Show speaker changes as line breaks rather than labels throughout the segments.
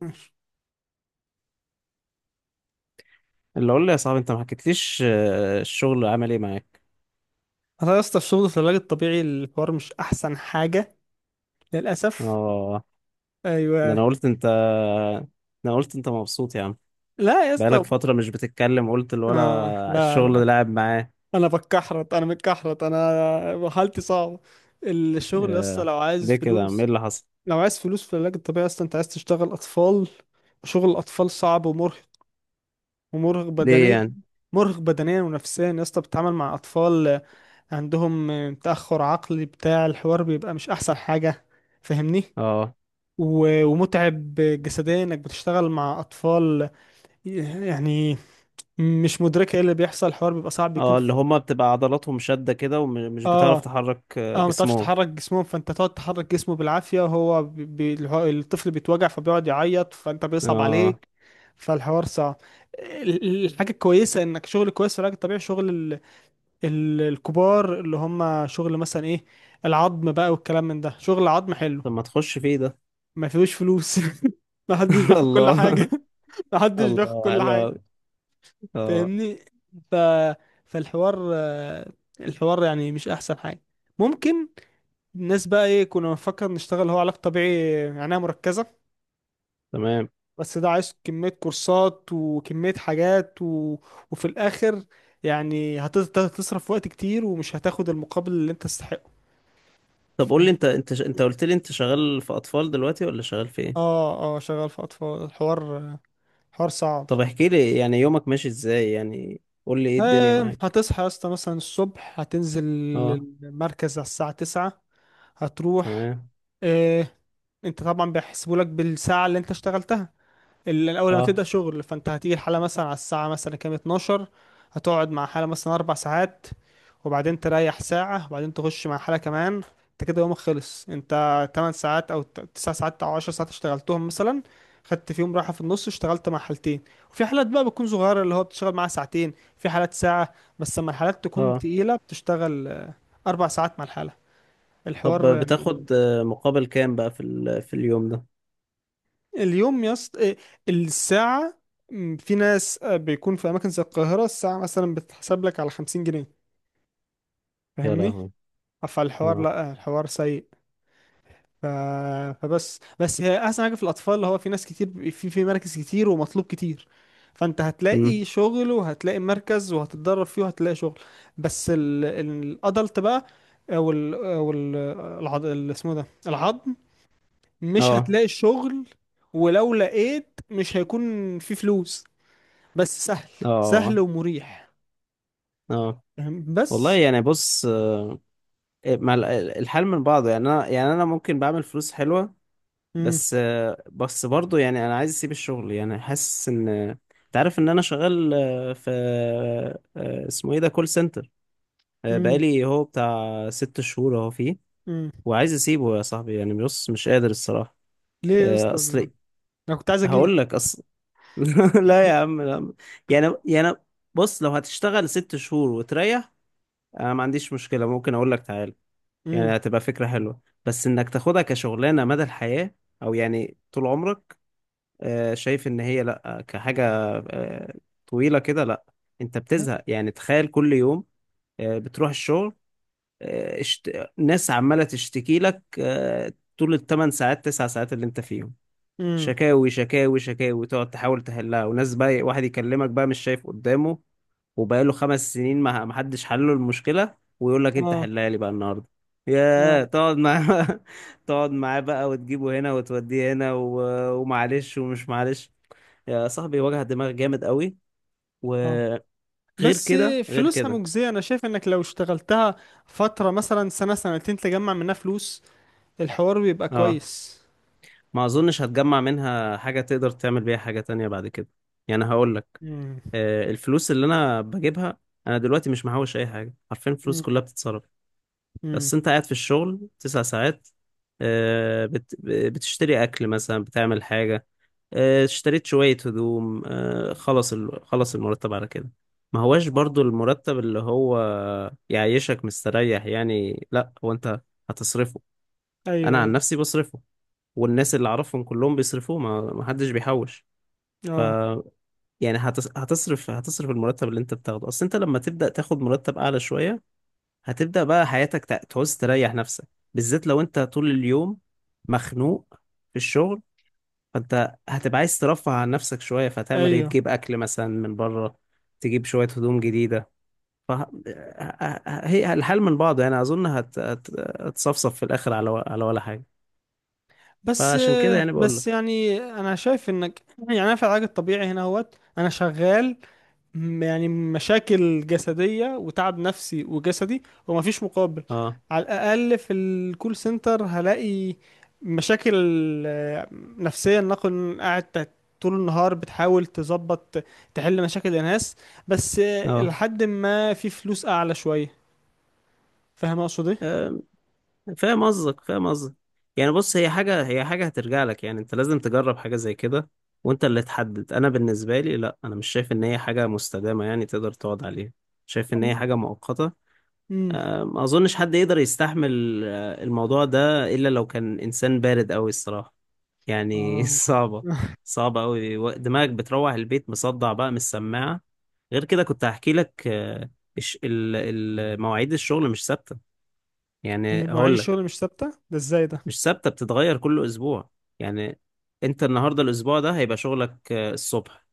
ماشي.
اللي اقول لي يا صاحبي، انت ما حكيتليش، الشغل عمل ايه معاك؟
انا يا اسطى الشغل في العلاج الطبيعي الحوار مش احسن حاجه، للاسف.
اه. ده
ايوه.
انا قلت انت ده انا قلت انت مبسوط يا عم.
لا يا اسطى.
بقالك فترة مش بتتكلم، قلت
اه
الولا
لا، لا.
الشغل لعب معاه
انا متكحرت، انا حالتي صعبه. الشغل يا اسطى
آه،
لو عايز
ليه كده يا عم؟ ايه
فلوس،
اللي حصل؟
لو عايز فلوس في العلاج الطبيعي يا اسطى انت عايز تشتغل اطفال. شغل الاطفال صعب ومرهق، ومرهق
ليه
بدنيا،
يعني؟
مرهق بدنيا ونفسيا يا اسطى. بتتعامل مع اطفال عندهم تاخر عقلي بتاع، الحوار بيبقى مش احسن حاجه. فاهمني؟
اه.
ومتعب جسديا انك بتشتغل مع اطفال، يعني مش مدركه ايه اللي بيحصل، الحوار بيبقى صعب بيكون.
اه، اللي هما بتبقى عضلاتهم شدة كده ومش بتعرف
اه.
تحرك
اه، ما تعرفش
جسمهم.
تحرك جسمهم، فانت تقعد تحرك جسمه بالعافيه وهو الطفل بيتوجع فبيقعد يعيط فانت بيصعب
اه.
عليك. فالحوار صعب. الحاجه الكويسه انك شغل كويس في العلاج الطبيعي، شغل الكبار، اللي هم شغل مثلا ايه، العظم بقى والكلام من ده، شغل عظم حلو.
طب ما تخش فيه ده؟
ما فيهوش فلوس. ما حدش بياخد كل حاجة.
الله.
ما حدش بياخد
الله،
كل
حلو
حاجة.
أوي. اه.
فاهمني؟ ف... فالحوار، الحوار يعني مش أحسن حاجة. ممكن الناس بقى إيه كنا بنفكر نشتغل، هو علاج طبيعي عناية مركزة،
تمام.
بس ده عايز كمية كورسات وكمية حاجات وفي الآخر يعني هتصرف وقت كتير ومش هتاخد المقابل اللي أنت تستحقه.
طب قول لي،
ف-
انت قلت لي انت شغال في اطفال دلوقتي ولا شغال في ايه؟
اه، اه، شغال في أطفال. الحوار حوار صعب.
طب احكي لي، يعني يومك ماشي ازاي؟ يعني قول لي ايه الدنيا معاك.
هتصحى يا اسطى مثلا الصبح، هتنزل
اه.
المركز على الساعة 9، هتروح.
تمام.
آه، انت طبعا بيحسبوا لك بالساعة اللي انت اشتغلتها. الاول لما
اه،
تبدا شغل فانت هتيجي الحاله مثلا على الساعه مثلا كام، 12، هتقعد مع حاله مثلا 4 ساعات، وبعدين تريح ساعه، وبعدين تخش مع حاله كمان. انت كده يومك خلص. انت 8 ساعات او 9 ساعات او 10 ساعات اشتغلتهم مثلا، خدت فيهم راحه في النص، اشتغلت مع حالتين. وفي حالات بقى بتكون صغيره اللي هو بتشتغل معاها ساعتين، في حالات ساعه، بس لما الحالات تكون
اه.
تقيله بتشتغل اربع ساعات مع الحاله، الحوار
طب
يعني.
بتاخد مقابل كام بقى في في اليوم ده؟
اليوم يا اسطى الساعة، في ناس، بيكون في أماكن زي القاهرة الساعة مثلا بتتحسب لك على 50 جنيه.
يا
فاهمني؟
لهوي.
فالحوار
اه.
لأ، الحوار سيء. ف... فبس هي أحسن حاجة في الأطفال، هو في ناس كتير، في مراكز كتير ومطلوب كتير، فأنت
امم.
هتلاقي شغل وهتلاقي مركز وهتتدرب فيه وهتلاقي شغل. بس الأدلت بقى، أو اسمه إيه ده، العظم، مش
اه.
هتلاقي الشغل، ولو لقيت مش هيكون في فلوس، بس سهل،
اه.
سهل ومريح.
اه.
فاهم؟
والله،
بس.
يعني بص، مع ال- الحال من بعضه، يعني انا، يعني انا ممكن بعمل فلوس حلوة.
مم.
بس برضه، يعني انا عايز اسيب الشغل. يعني حاسس ان، انت عارف ان انا شغال في، اسمه ايه ده، كول سنتر.
مم.
بقالي هو بتاع ست شهور اهو فيه،
مم.
وعايز اسيبه يا صاحبي. يعني بص، مش قادر الصراحه.
ليه يا اسطى ده؟
اصل،
انا كنت عايز اجيلك.
هقول لك. اصل لا يا عم، لا. يعني بص، لو هتشتغل ست شهور وتريح، انا ما عنديش مشكله، ممكن اقول لك تعال.
مم.
يعني هتبقى فكره حلوه، بس انك تاخدها كشغلانه مدى الحياه، او يعني طول عمرك. شايف ان هي، لا، كحاجه آه، طويله كده، لا. انت بتزهق. يعني تخيل كل يوم بتروح الشغل، آه، اشت... ناس عمالة تشتكي لك، طول الثمان ساعات تسع ساعات اللي انت فيهم،
مم.
شكاوي شكاوي شكاوي، تقعد تحاول تحلها. وناس بقى، واحد يكلمك بقى مش شايف قدامه، وبقاله خمس سنين ما حدش حل له المشكلة، ويقول لك انت
اه.
حلها لي بقى النهارده. يا
اه.
تقعد معاه. تقعد معاه بقى وتجيبه هنا وتوديه هنا و... ومعلش ومش معلش، يا صاحبي وجع دماغ جامد قوي.
اه
وغير
بس.
كده غير
فلوسها
كده.
مجزية، انا شايف انك لو اشتغلتها فترة مثلا سنة سنتين تجمع منها فلوس، الحوار بيبقى
اه.
كويس.
ما اظنش هتجمع منها حاجة تقدر تعمل بيها حاجة تانية بعد كده. يعني هقول لك،
مم.
الفلوس اللي انا بجيبها، انا دلوقتي مش محوش اي حاجة. عارفين، الفلوس
مم.
كلها بتتصرف.
مم.
بس انت قاعد في الشغل تسع ساعات، بتشتري اكل مثلا، بتعمل حاجة، اشتريت شوية هدوم، خلص المرتب على كده. ما هواش
آه.
برضو المرتب اللي هو يعيشك مستريح. يعني لا، هو انت هتصرفه. انا
ايوه،
عن
ايوه.
نفسي بصرفه، والناس اللي اعرفهم كلهم بيصرفوه، ما حدش بيحوش. ف
اه.
يعني هتصرف المرتب اللي انت بتاخده. اصل انت لما تبدأ تاخد مرتب اعلى شوية، هتبدأ بقى حياتك تعوز تريح نفسك، بالذات لو انت طول اليوم مخنوق في الشغل. فانت هتبقى عايز ترفه عن نفسك شوية. فهتعمل ايه؟
ايوه.
تجيب اكل مثلا من بره، تجيب شوية هدوم جديدة. ف هي الحل من بعضه. يعني اظن هتصفصف في الاخر على و... على ولا حاجة.
بس
فعشان كده يعني بقول
بس
لك.
يعني انا شايف انك، يعني انا في العلاج الطبيعي هنا اهوت، انا شغال، يعني مشاكل جسدية وتعب نفسي وجسدي ومفيش مقابل.
اه.
على الأقل في الكول سنتر هلاقي مشاكل آه، نفسية، نكون قاعد طول النهار بتحاول تظبط تحل مشاكل الناس، بس
اه.
لحد ما في فلوس أعلى شوية. فاهم أقصد إيه؟
آه، فاهم قصدك، فاهم قصدك. يعني بص، هي حاجة هترجع لك. يعني انت لازم تجرب حاجة زي كده، وانت اللي تحدد. انا بالنسبة لي لا، انا مش شايف ان هي حاجة مستدامة يعني تقدر تقعد عليها. شايف ان هي حاجة مؤقتة.
أمم.
ما اظنش حد يقدر يستحمل الموضوع ده الا لو كان انسان بارد قوي الصراحة. يعني
آه.
صعبة. صعبة قوي. دماغك بتروح البيت مصدع بقى من السماعة. غير كده، كنت هحكي لك، الش- ال- مواعيد الشغل مش ثابتة. يعني
مواعيد
هقول لك،
الشغل مش ثابتة؟ ده إزاي ده؟
مش ثابتة، بتتغير كل أسبوع. يعني أنت النهاردة الأسبوع ده هيبقى شغلك الصبح،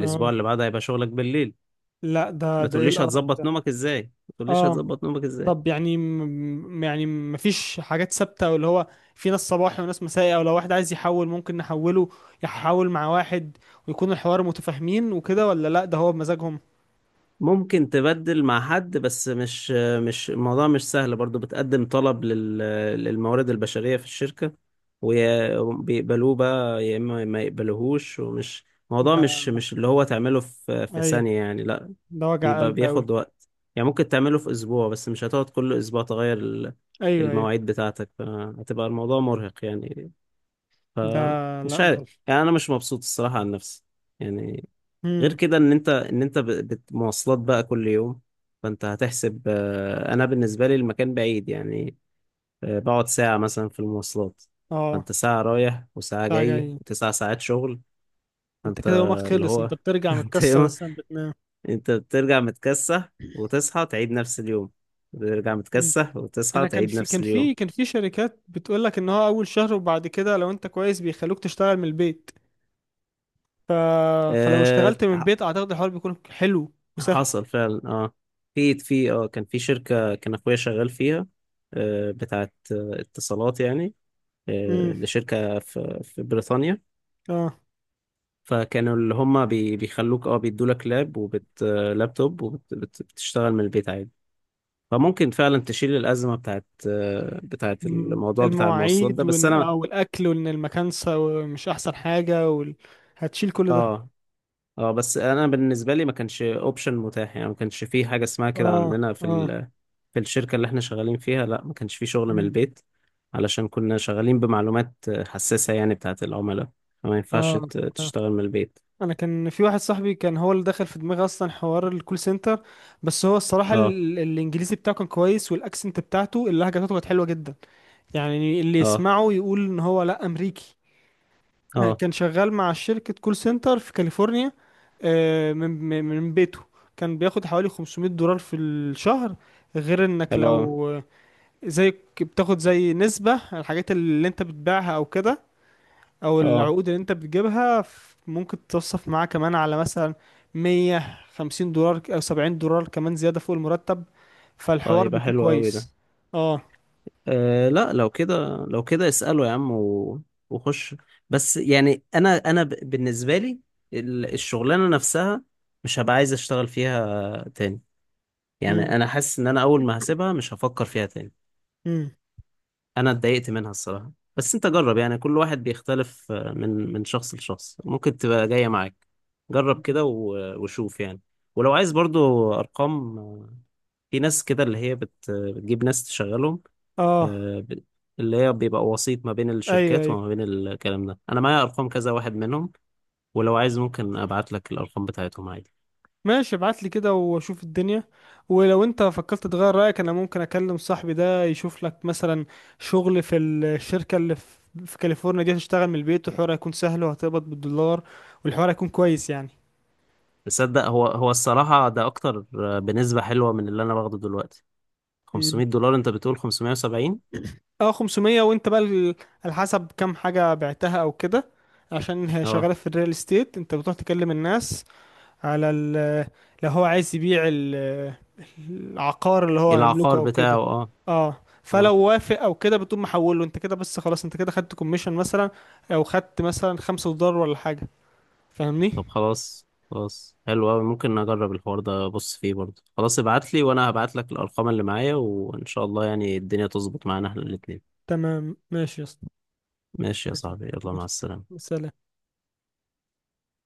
آه.
اللي بعده هيبقى شغلك بالليل.
لا،
ما
ده إيه
تقوليش
القرف
هتظبط
ده؟
نومك إزاي؟ ما تقوليش
آه.
هتظبط نومك إزاي؟
طب يعني يعني ما فيش حاجات ثابتة، واللي هو في ناس صباحي وناس مسائي، او لو واحد عايز يحول ممكن نحوله يحول مع واحد ويكون الحوار متفاهمين وكده، ولا لا ده هو بمزاجهم؟
ممكن تبدل مع حد، بس مش الموضوع مش سهل برضو. بتقدم طلب للموارد البشرية في الشركة، وبيقبلوه بقى يا إما ما يقبلوهوش. الموضوع
ده،
مش اللي هو تعمله في
ايوه،
ثانية يعني، لا.
ده وجع
بيبقى
قلب قوي.
بياخد وقت. يعني ممكن تعمله في أسبوع، بس مش هتقعد كل أسبوع تغير
ايوه، ايوه.
المواعيد بتاعتك، فهتبقى الموضوع مرهق يعني.
ده، لا
فمش
ده.
عارف، يعني أنا مش مبسوط الصراحة عن نفسي يعني. غير
امم.
كده، ان انت مواصلات بقى كل يوم. فانت هتحسب، انا بالنسبه لي المكان بعيد يعني. بقعد ساعه مثلا في المواصلات.
اه.
فانت ساعه رايح وساعه
ده
جاي
جاي،
وتسع ساعات شغل.
انت
فانت
كده يومك
اللي
خلص،
هو
انت بترجع
انت
متكسر
يوم
اصلا بتنام.
انت بترجع متكسح وتصحى تعيد نفس اليوم. بترجع
مم.
متكسح وتصحى
انا كان
تعيد
في
نفس
كان
اليوم.
في كان في شركات بتقول لك ان هو اول شهر وبعد كده لو انت كويس بيخلوك تشتغل من البيت، ف... فلو
أه
اشتغلت من
ح-
البيت اعتقد الحوار بيكون حلو وسهل.
حصل فعلا. اه، في في اه كان في شركه، كان اخويا شغال فيها، بتاعت اتصالات يعني،
امم.
لشركة في بريطانيا.
اه.
فكانوا اللي هم بيخلوك، اه بيدولك لابتوب وبتشتغل من البيت عادي. فممكن فعلا تشيل الأزمة بتاعت،
مم.
الموضوع بتاع المواصلات
المواعيد
ده. بس أنا.
آه، والاكل وان المكان، مش احسن حاجه، هتشيل كل ده.
اه. اه. بس أنا بالنسبة لي ما كانش اوبشن متاح. يعني ما كانش في حاجة اسمها كده
اه.
عندنا في
اه.
في الشركة اللي احنا شغالين فيها. لا، ما كانش في شغل من
مم.
البيت علشان كنا شغالين بمعلومات حساسة يعني، بتاعت العملاء. فما ينفعش
اه. آه.
تشتغل من البيت.
انا كان في واحد صاحبي، كان هو اللي دخل في دماغي اصلا حوار الكول سنتر، بس هو الصراحه،
اه.
الانجليزي بتاعه كان كويس، والاكسنت بتاعته اللهجه بتاعته كانت حلوه جدا، يعني اللي
اه.
يسمعه يقول ان هو لا، امريكي.
اه،
كان شغال مع شركة كول سنتر في كاليفورنيا، من بيته، كان بياخد حوالي 500 دولار في الشهر، غير انك
حلو أوي.
لو آه، زي بتاخد زي نسبة على الحاجات اللي انت بتبيعها او كده، او
اه
العقود اللي انت بتجيبها، ممكن تتصف معاه كمان على مثلا 150 دولار او 70 دولار كمان زيادة فوق المرتب، فالحوار
طيب،
بيكون
حلو أوي ده.
كويس. اه.
آه لا، لو كده، اسأله يا عم، و... وخش. بس يعني بالنسبة لي الشغلانة نفسها مش هبقى عايز أشتغل فيها تاني.
امم.
يعني أنا حاسس إن أنا أول ما هسيبها مش هفكر فيها تاني.
امم.
أنا اتضايقت منها الصراحة. بس أنت جرب. يعني كل واحد بيختلف، من شخص لشخص. ممكن تبقى جاية معاك. جرب كده و... وشوف يعني. ولو عايز برضو أرقام، في ناس كده اللي هي بتجيب ناس تشغلهم،
اه.
آه، ب- اللي هي بيبقى وسيط ما بين
ايوه،
الشركات
ايوه.
وما بين الكلام ده. انا معايا ارقام كذا واحد منهم، ولو عايز ممكن ابعت لك الارقام بتاعتهم عادي.
ماشي، ابعت لي كده واشوف الدنيا، ولو انت فكرت تغير رأيك انا ممكن اكلم صاحبي ده يشوف لك مثلا شغل في الشركة اللي في كاليفورنيا دي، هتشتغل من البيت والحوار هيكون سهل، وهتقبض بالدولار، والحوار هيكون كويس يعني.
تصدق، هو الصراحة ده اكتر، بنسبة حلوة من اللي انا باخده دلوقتي.
مم.
$500؟ انت بتقول 570.
اه، 500، وانت بقى على حسب كام حاجة بعتها او كده، عشان هي
اه.
شغالة في الريال استيت، انت بتروح تكلم الناس على ال، لو هو عايز يبيع العقار اللي هو يملكه
العقار
او
بتاعه.
كده.
اه.
اه.
اه.
فلو وافق او كده بتقوم محوله انت كده، بس خلاص انت كده خدت كوميشن مثلا، او خدت مثلا 5 دولار ولا حاجة. فاهمني؟
طب خلاص خلاص، حلو قوي. ممكن اجرب الحوار ده، ابص فيه برضه. خلاص، ابعت لي، وانا هبعت لك الارقام اللي معايا، وان شاء الله يعني الدنيا تظبط معانا احنا الاتنين.
تمام، ماشي يا اسطى.
ماشي يا
ماشي.
صاحبي، يلا مع
ماشي.
السلامة.
سلام.